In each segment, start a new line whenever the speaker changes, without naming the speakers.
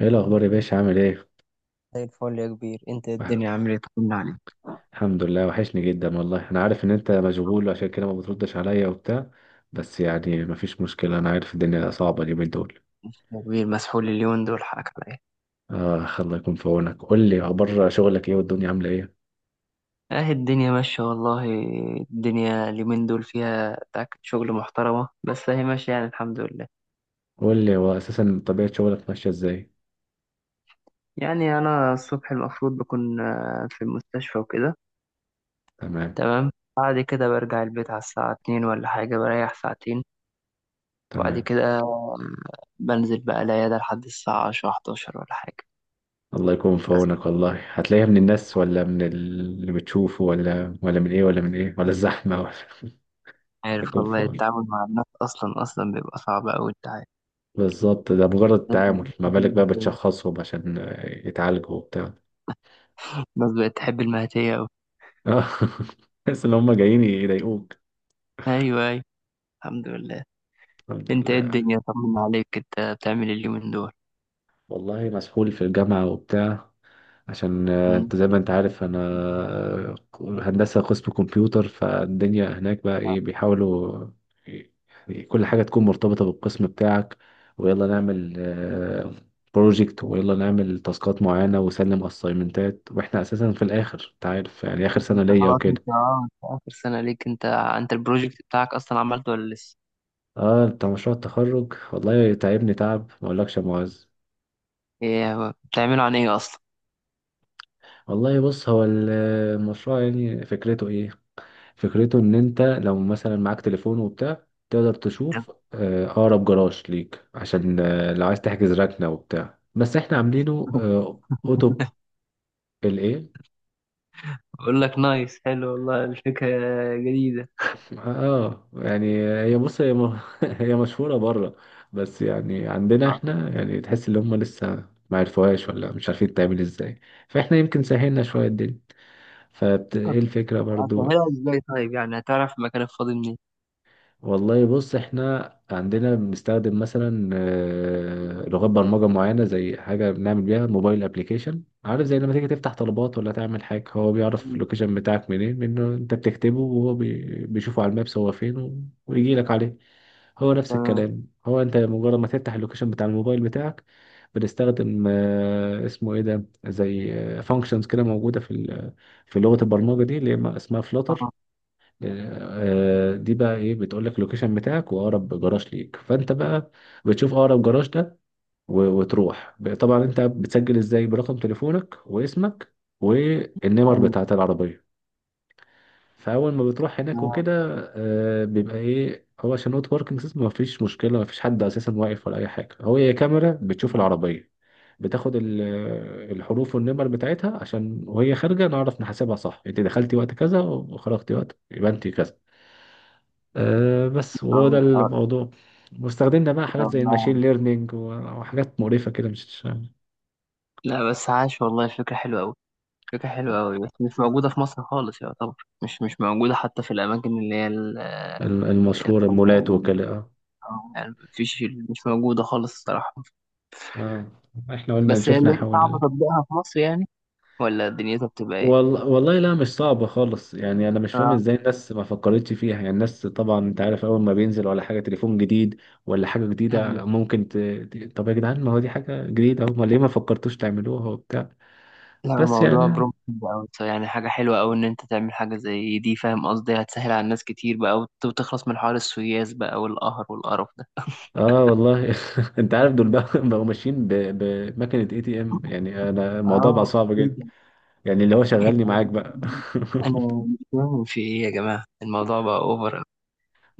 ايه الاخبار يا باشا، عامل ايه؟
زي الفل يا كبير، انت
وح-
الدنيا عامل ايه؟ طمنا عليك.
الحمد لله، وحشني جدا والله. انا عارف ان انت مشغول عشان كده ما بتردش عليا وبتاع، بس يعني مفيش مشكلة، انا عارف الدنيا صعبة اليومين دول.
يا كبير، مسحول اليومين دول، حقك عليا.
اه، الله يكون في عونك. قول لي اخبار شغلك ايه والدنيا عاملة ايه.
اه، الدنيا ماشية والله. الدنيا اليومين دول فيها تاكد، شغل محترمة بس اهي ماشية، يعني الحمد لله.
قول لي هو اساسا طبيعة شغلك ماشية ازاي.
يعني انا الصبح المفروض بكون في المستشفى وكده.
تمام.
تمام. بعد كده برجع البيت على الساعة 2 ولا حاجة، بريح ساعتين. وبعد
تمام.
كده بنزل بقى العيادة لحد الساعة 10 11 ولا حاجة.
الله يكون في
بس
عونك والله. هتلاقيها من الناس ولا من اللي بتشوفه ولا من ايه ولا من ايه ولا الزحمة ولا. الله
عارف
يكون في
والله،
عونك.
التعامل مع الناس أصلا أصلا بيبقى صعب أوي، انت عارف.
بالظبط، ده مجرد
الناس
تعامل، ما
بتحب
بالك بقى
المهدية.
بتشخصهم عشان يتعالجوا وبتاع.
الناس بقت تحب المهدية أوي.
اه. تحس ان هم جايين يضايقوك.
أيوه، أيوه. الحمد لله.
الحمد
أنت إيه
لله.
الدنيا؟ طمنا عليك. أنت بتعمل إيه اليومين دول؟
والله مسحول في الجامعة وبتاع، عشان
مم.
انت زي ما انت عارف انا هندسة قسم كمبيوتر. فالدنيا هناك بقى ايه، بيحاولوا ي- يعني كل حاجة تكون مرتبطة بالقسم بتاعك. ويلا نعمل بروجكت ويلا نعمل تاسكات معينة وسلم اسايمنتات، واحنا اساسا في الاخر انت عارف يعني اخر سنة
أنت
ليا
خلاص
وكده.
أنت آه أنت آخر سنة ليك، أنت البروجكت بتاعك أصلا عملته ولا لسه؟
اه، بتاع مشروع التخرج والله تعبني تعب ما اقولكش يا معز.
إيه هو بتعمله عن إيه أصلا؟
والله بص، هو المشروع يعني فكرته ايه. فكرته ان انت لو مثلا معاك تليفون وبتاع تقدر تشوف اقرب جراج ليك، عشان لو عايز تحجز ركنة وبتاع، بس احنا عاملينه اوتو الايه.
بقول لك، نايس، حلو والله، الفكرة جديدة.
اه يعني هي بص هي هي مشهورة بره، بس يعني عندنا احنا يعني تحس ان هم لسه ما عرفوهاش ولا مش عارفين تعمل ازاي. فاحنا يمكن سهلنا شوية الدنيا، فايه
طب
الفكرة برضو.
هتعملها إزاي؟ طيب يعني هتعرف المكان الفاضي منين؟
والله بص احنا عندنا بنستخدم مثلا لغات برمجة معينة، زي حاجة بنعمل بيها موبايل ابليكيشن. عارف زي لما تيجي تفتح طلبات ولا تعمل حاجة، هو بيعرف اللوكيشن بتاعك منين، لأنه انت بتكتبه وهو بيشوفه على المابس هو فين ويجي لك عليه. هو نفس
أيوه.
الكلام، هو انت مجرد ما تفتح اللوكيشن بتاع الموبايل بتاعك. بنستخدم اسمه ايه ده، زي فانكشنز كده موجودة في لغة البرمجة دي اللي هي اسمها فلاتر.
تمام.
دي بقى ايه، بتقول لك اللوكيشن بتاعك واقرب جراج ليك، فانت بقى بتشوف اقرب جراج ده وتروح طبعا انت بتسجل ازاي برقم تليفونك واسمك والنمر
آه،
بتاعت العربيه. فاول ما بتروح هناك وكده بيبقى ايه هو، عشان اوت باركنج سيستم مفيش مشكله، مفيش حد اساسا واقف ولا اي حاجه، هو هي كاميرا بتشوف
أيوه.
العربيه، بتاخد الحروف والنمر بتاعتها، عشان وهي خارجه نعرف نحاسبها صح. انت دخلتي وقت كذا وخرجتي وقت يبقى انت كذا. بس وهو ده
أول حوار.
الموضوع. واستخدمنا بقى
ده
حاجات زي
والله.
الماشين ليرنينج وحاجات مقرفة كده، مش
لا بس عاش والله، الفكرة حلوة أوي. فكرة حلوة أوي، بس مش موجودة في مصر خالص يعتبر. مش موجودة حتى في الأماكن اللي هي
المشهورة، المولات وكده.
يعني مفيش، مش موجودة خالص الصراحة.
اه، احنا قلنا
بس هي
شفنا
اللي صعب
حول.
تطبيقها في مصر يعني، ولا دنيتها بتبقى إيه؟
والله لا مش صعبة خالص، يعني انا مش فاهم
آه.
ازاي الناس ما فكرتش فيها. يعني الناس طبعا انت عارف اول ما بينزل ولا حاجة تليفون جديد ولا حاجة
أهلا.
جديدة ممكن طب يا جدعان، ما هو دي حاجة جديدة، هم ليه ما فكرتوش تعملوها وبتاع.
لا،
بس
الموضوع
يعني
بروم أوي، يعني حاجة حلوة أوي إن أنت تعمل حاجة زي دي، فاهم قصدي، هتسهل على الناس كتير بقى وتخلص من حوار السوياس بقى والقهر والقرف ده.
اه والله انت عارف دول بقى بقوا ماشيين بمكنة اي تي ام، يعني انا الموضوع بقى
اه.
صعب
ايه
جدا،
ده؟
يعني اللي هو شغلني معاك بقى.
انا مش فاهم في ايه يا جماعه، الموضوع بقى اوفر.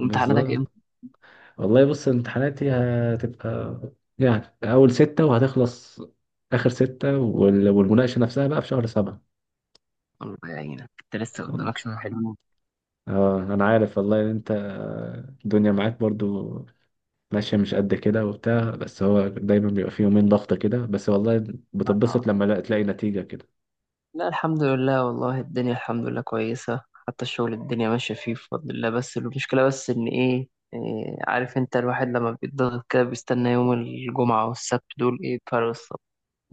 امتحاناتك؟
والله بص امتحاناتي هتبقى يعني اول ستة وهتخلص اخر ستة والمناقشة نفسها بقى في شهر سبعة.
الله يعينك، انت لسه قدامك شوية حلوين.
اه انا عارف والله ان انت الدنيا معاك برضو ماشية مش قد كده وبتاع، بس هو دايما بيبقى فيه يومين ضغطة كده بس، والله بتتبسط
آه.
لما تلاقي نتيجة كده.
لا الحمد لله والله، الدنيا الحمد لله كويسة. حتى الشغل الدنيا ماشية فيه بفضل الله، بس المشكلة بس إن إيه، عارف أنت، الواحد لما بيتضغط كده بيستنى يوم الجمعة والسبت دول إيه بفارغ الصبر.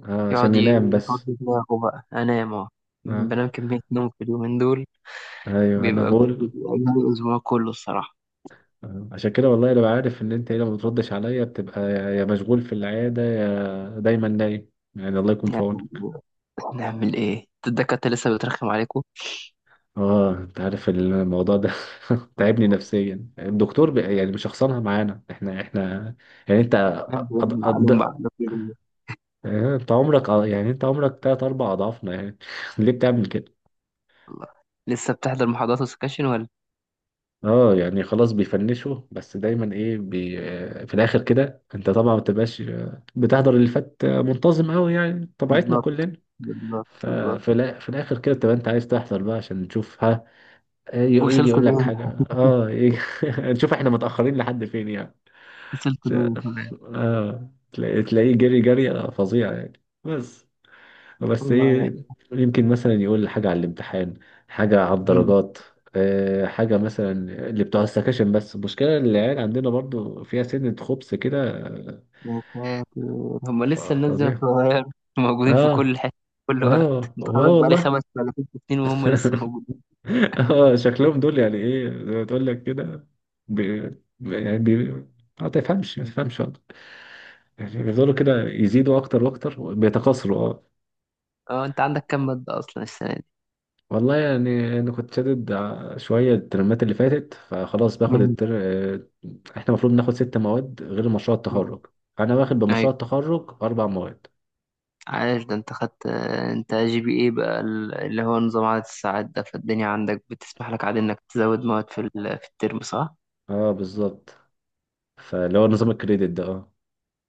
عشان
يقعد
ينام بس.
يفضي دماغه بقى، أنام، أه.
آه.
بنام كمية نوم في اليومين دول.
ايوه انا بقول.
بيبقى يوم الأسبوع كله الصراحة.
آه. عشان كده والله انا عارف ان انت هنا ما بتردش عليا، بتبقى يا مشغول في العياده يا دايما نايم، يعني الله يكون في
نعمل
عونك.
إيه؟ نعمل إيه؟ الدكاترة لسه بترخم عليكم؟
اه انت عارف الموضوع ده، تعبني نفسيا، الدكتور يعني مشخصنها معانا، احنا يعني انت
بنعمل
أض...
عليهم بقى.
أض... آه، انت عمرك يعني انت عمرك تلات اربع اضعافنا يعني، ليه بتعمل كده.
الله. لسه بتحضر محاضرات وسكاشن ولا؟
اه يعني خلاص بيفنشوا، بس دايما ايه بي آه، في الاخر كده انت طبعا ما بتبقاش بتحضر اللي فات منتظم قوي، يعني طبيعتنا
بالظبط،
كلنا.
بالظبط، بالظبط.
ففي في الاخر كده تبقى انت عايز تحضر بقى عشان تشوف ها. يجي
وصلت
يقول لك
ليه.
حاجه. اه يجي نشوف احنا متاخرين لحد فين يعني.
وصلت ليه كمان.
اه تلاقيه جري جري فظيع يعني بس. بس
والله
ايه،
يعني.
يمكن مثلا يقول لي حاجة على الامتحان، حاجة على
مم.
الدرجات، حاجة مثلا اللي بتوع السكاشن. بس المشكلة إن العيال عندنا برضو فيها سنة خبث كده،
يا ساتر. هم لسه، الناس دي
فظيع.
صغير. موجودين في
اه
كل حتة. في كل وقت،
اه اه
متخرج بقالي
والله.
5 ولا 6 سنين وهم لسه موجودين.
اه شكلهم دول يعني ايه زي ما تقول لك كده، بي يعني بي آه، ما تفهمش ما تفهمش والله. يعني بيفضلوا كده يزيدوا اكتر واكتر بيتكاثروا اه.
اه، انت عندك كام مادة اصلا السنة دي؟
والله يعني انا كنت شادد شويه الترمات اللي فاتت، فخلاص باخد
مم.
التر... آه، احنا المفروض ناخد ست مواد غير مشروع
مم.
التخرج. انا واخد
أيوة.
بمشروع التخرج اربع مواد.
عايش، ده انت خدت. انت GPA بقى، اللي هو نظام عدد الساعات ده، فالدنيا عندك بتسمح لك عادي انك تزود مواد في في الترم، صح؟
اه بالظبط، فاللي هو نظام الكريدت ده اه.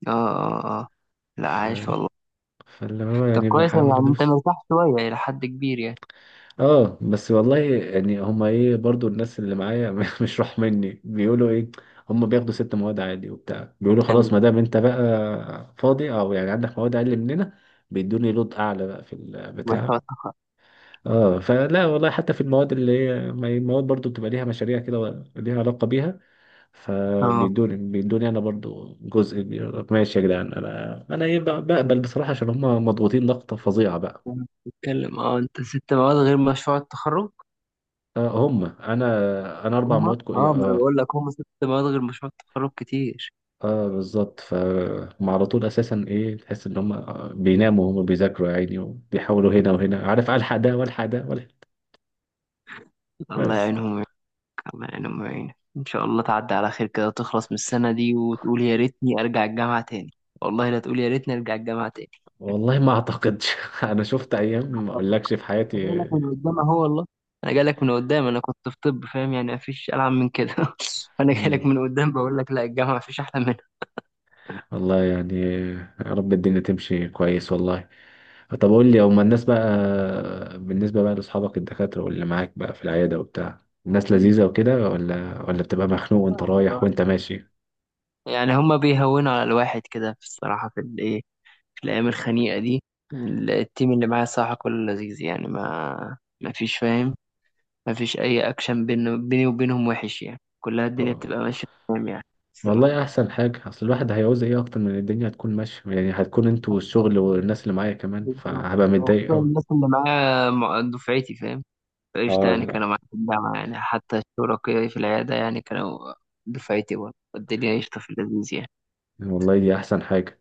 اه، اه، اه. لا،
ف...
عايش والله.
فاللي هو
طب
يعني
كويس،
بحاول
يعني انت
ادوس.
مرتاح شوية إلى حد كبير يعني.
اه بس والله يعني هما ايه برضو الناس اللي معايا، مش راح مني بيقولوا ايه، هما بياخدوا ست مواد عادي وبتاع، بيقولوا
يعني
خلاص ما دام انت بقى فاضي او يعني عندك مواد اقل مننا، بيدوني لود اعلى بقى في
مشروع
البتاع.
التخرج.
اه فلا والله حتى في المواد اللي هي، ما هي المواد برضو بتبقى ليها مشاريع كده ليها علاقة بيها.
اه،
فبيدوني انا برضو جزء كبير. ماشي يا جدعان، انا ايه بقبل بصراحة عشان هم مضغوطين ضغطة فظيعة بقى.
أنا بتتكلم اه انت 6 مواد غير مشروع التخرج.
آه هم، انا اربع
هما.
مواد
اه ما انا
اه.
بقول لك، هما 6 مواد غير مشروع التخرج كتير.
اه بالظبط، فهم على طول اساسا ايه، تحس ان هم بيناموا وهم بيذاكروا يا عيني، وبيحاولوا هنا وهنا، عارف الحق ده والحق ده والحق.
الله
بس
يعينهم ويعينك. الله يعينهم ويعينك، ان شاء الله تعدي على خير كده وتخلص من السنة دي وتقول يا ريتني ارجع الجامعة تاني. والله، لا تقول يا ريتني ارجع الجامعة تاني.
والله ما اعتقدش، انا شفت ايام ما اقولكش في
أنا جاي
حياتي.
لك من قدام اهو والله. انا جاي لك من قدام، انا كنت في طب فاهم يعني، مفيش العن من كده. فانا جاي لك من قدام بقول لك، لا الجامعة مفيش احلى منها.
والله يعني يا رب الدنيا تمشي كويس والله. طب قول لي
بإذن
هما الناس
الله.
بقى، بالنسبة بقى لأصحابك الدكاترة واللي معاك بقى في العيادة وبتاع، الناس
مم.
لذيذة وكده ولا بتبقى مخنوق وانت
آه
رايح
والله،
وانت ماشي.
يعني هما بيهونوا على الواحد كده، في الصراحة، في الإيه. في الأيام الخنيقة دي. التيم اللي معايا صراحة كله لذيذ يعني، ما ما فيش فاهم. ما فيش أي أكشن بين بيني وبينهم وحش، يعني كلها الدنيا
طب
بتبقى ماشية تمام يعني. الصراحة.
والله أحسن حاجة، أصل الواحد هيعوز إيه أكتر من الدنيا هتكون ماشية، يعني هتكون أنتوا والشغل والناس اللي معايا كمان،
بالظبط.
فهبقى متضايق
وخصوصا
أوي.
الناس اللي معايا دفعتي فاهم. فقشطة،
اه
يعني
لا
كانوا معايا في الجامعة، يعني حتى شركائي في العيادة يعني كانوا. دفعتي برضه، الدنيا قشطة في اللذيذ يعني.
والله دي أحسن حاجة.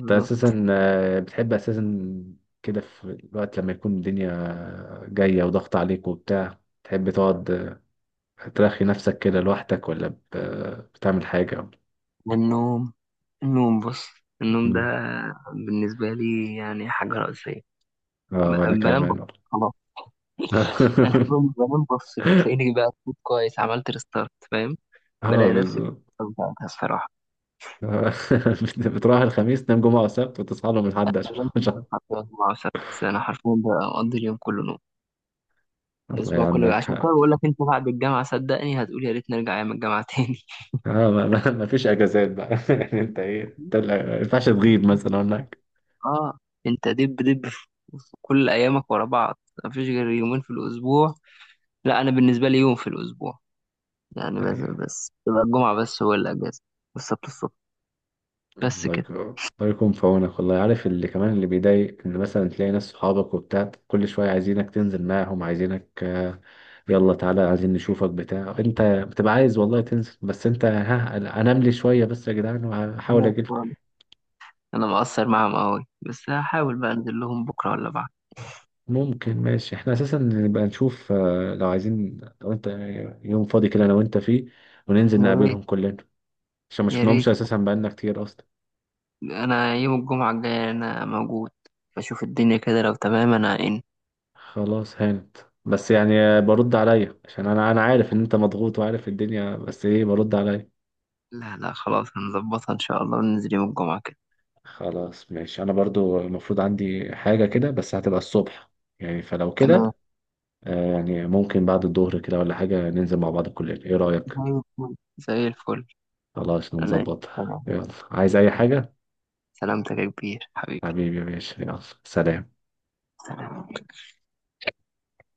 انت اساسا بتحب اساسا كده في الوقت لما يكون الدنيا جاية وضغط عليك وبتاع تحب تقعد ترخي نفسك كده لوحدك، ولا بتعمل حاجة.
والنوم. النوم بص. النوم ده
مم.
بالنسبة لي يعني حاجة رئيسية.
اه وانا
بنام بص.
كمان والله.
خلاص. أنا لما بنام بص، بتلاقيني بقى فوت كويس، عملت ريستارت فاهم.
اه
بلاقي نفسي
بالظبط.
بقى الصراحة.
آه، بتروح الخميس تنام جمعة وسبت وتصحى لهم الحد، عشان
بنام فعلاً حتى 4 و6، أنا حرفيا بقضي اليوم كله نوم.
الله
الأسبوع كله،
يعينك
عشان
اه.
كده بقول لك، أنت بعد الجامعة صدقني هتقول يا ريت نرجع أيام الجامعة تاني.
ما فيش اجازات بقى، يعني انت ايه، انت ما ينفعش تغيب مثلا هناك.
اه. انت دب دب في كل ايامك ورا بعض. مفيش غير يومين في الاسبوع. لا، انا بالنسبه لي يوم في الاسبوع يعني، بس.
ايوه.
بس تبقى الجمعة بس هو الأجازة. والسبت الصبح. بس كده.
الله يكون في عونك والله. عارف اللي كمان اللي بيضايق ان مثلا تلاقي ناس صحابك وبتاع كل شويه عايزينك تنزل معاهم، عايزينك يلا تعالى عايزين نشوفك بتاع، انت بتبقى عايز والله تنزل، بس انت ها انام لي شويه بس يا جدعان وهحاول
خلاص
اجيلكم.
خالص. أنا مقصر معاهم أوي، بس هحاول بقى أنزل لهم بكرة ولا بعد.
ممكن، ماشي احنا اساسا نبقى نشوف لو عايزين، لو انت يوم فاضي كده انا وانت فيه وننزل
يا ريت،
نقابلهم كلنا، عشان ما
يا
شفناهمش
ريت.
اساسا بقالنا كتير اصلا.
أنا يوم الجمعة الجاية أنا موجود. بشوف الدنيا كده، لو تمام أنا إن.
خلاص هانت، بس يعني برد عليا عشان انا عارف ان انت مضغوط وعارف الدنيا، بس ايه برد عليا.
لا، لا، خلاص هنظبطها إن شاء الله وننزل يوم الجمعة كده.
خلاص ماشي، انا برضو المفروض عندي حاجة كده بس هتبقى الصبح يعني، فلو
تمام.
كده يعني ممكن بعد الظهر كده ولا حاجة ننزل مع بعض الكلية، ايه رأيك.
تمام. زي الفل، زي الفل.
خلاص
أنا.
نظبطها
تمام.
يلا، عايز اي حاجة.
سلامتك يا كبير حبيبي.
حبيبي يا باشا يلا سلام.
سلام.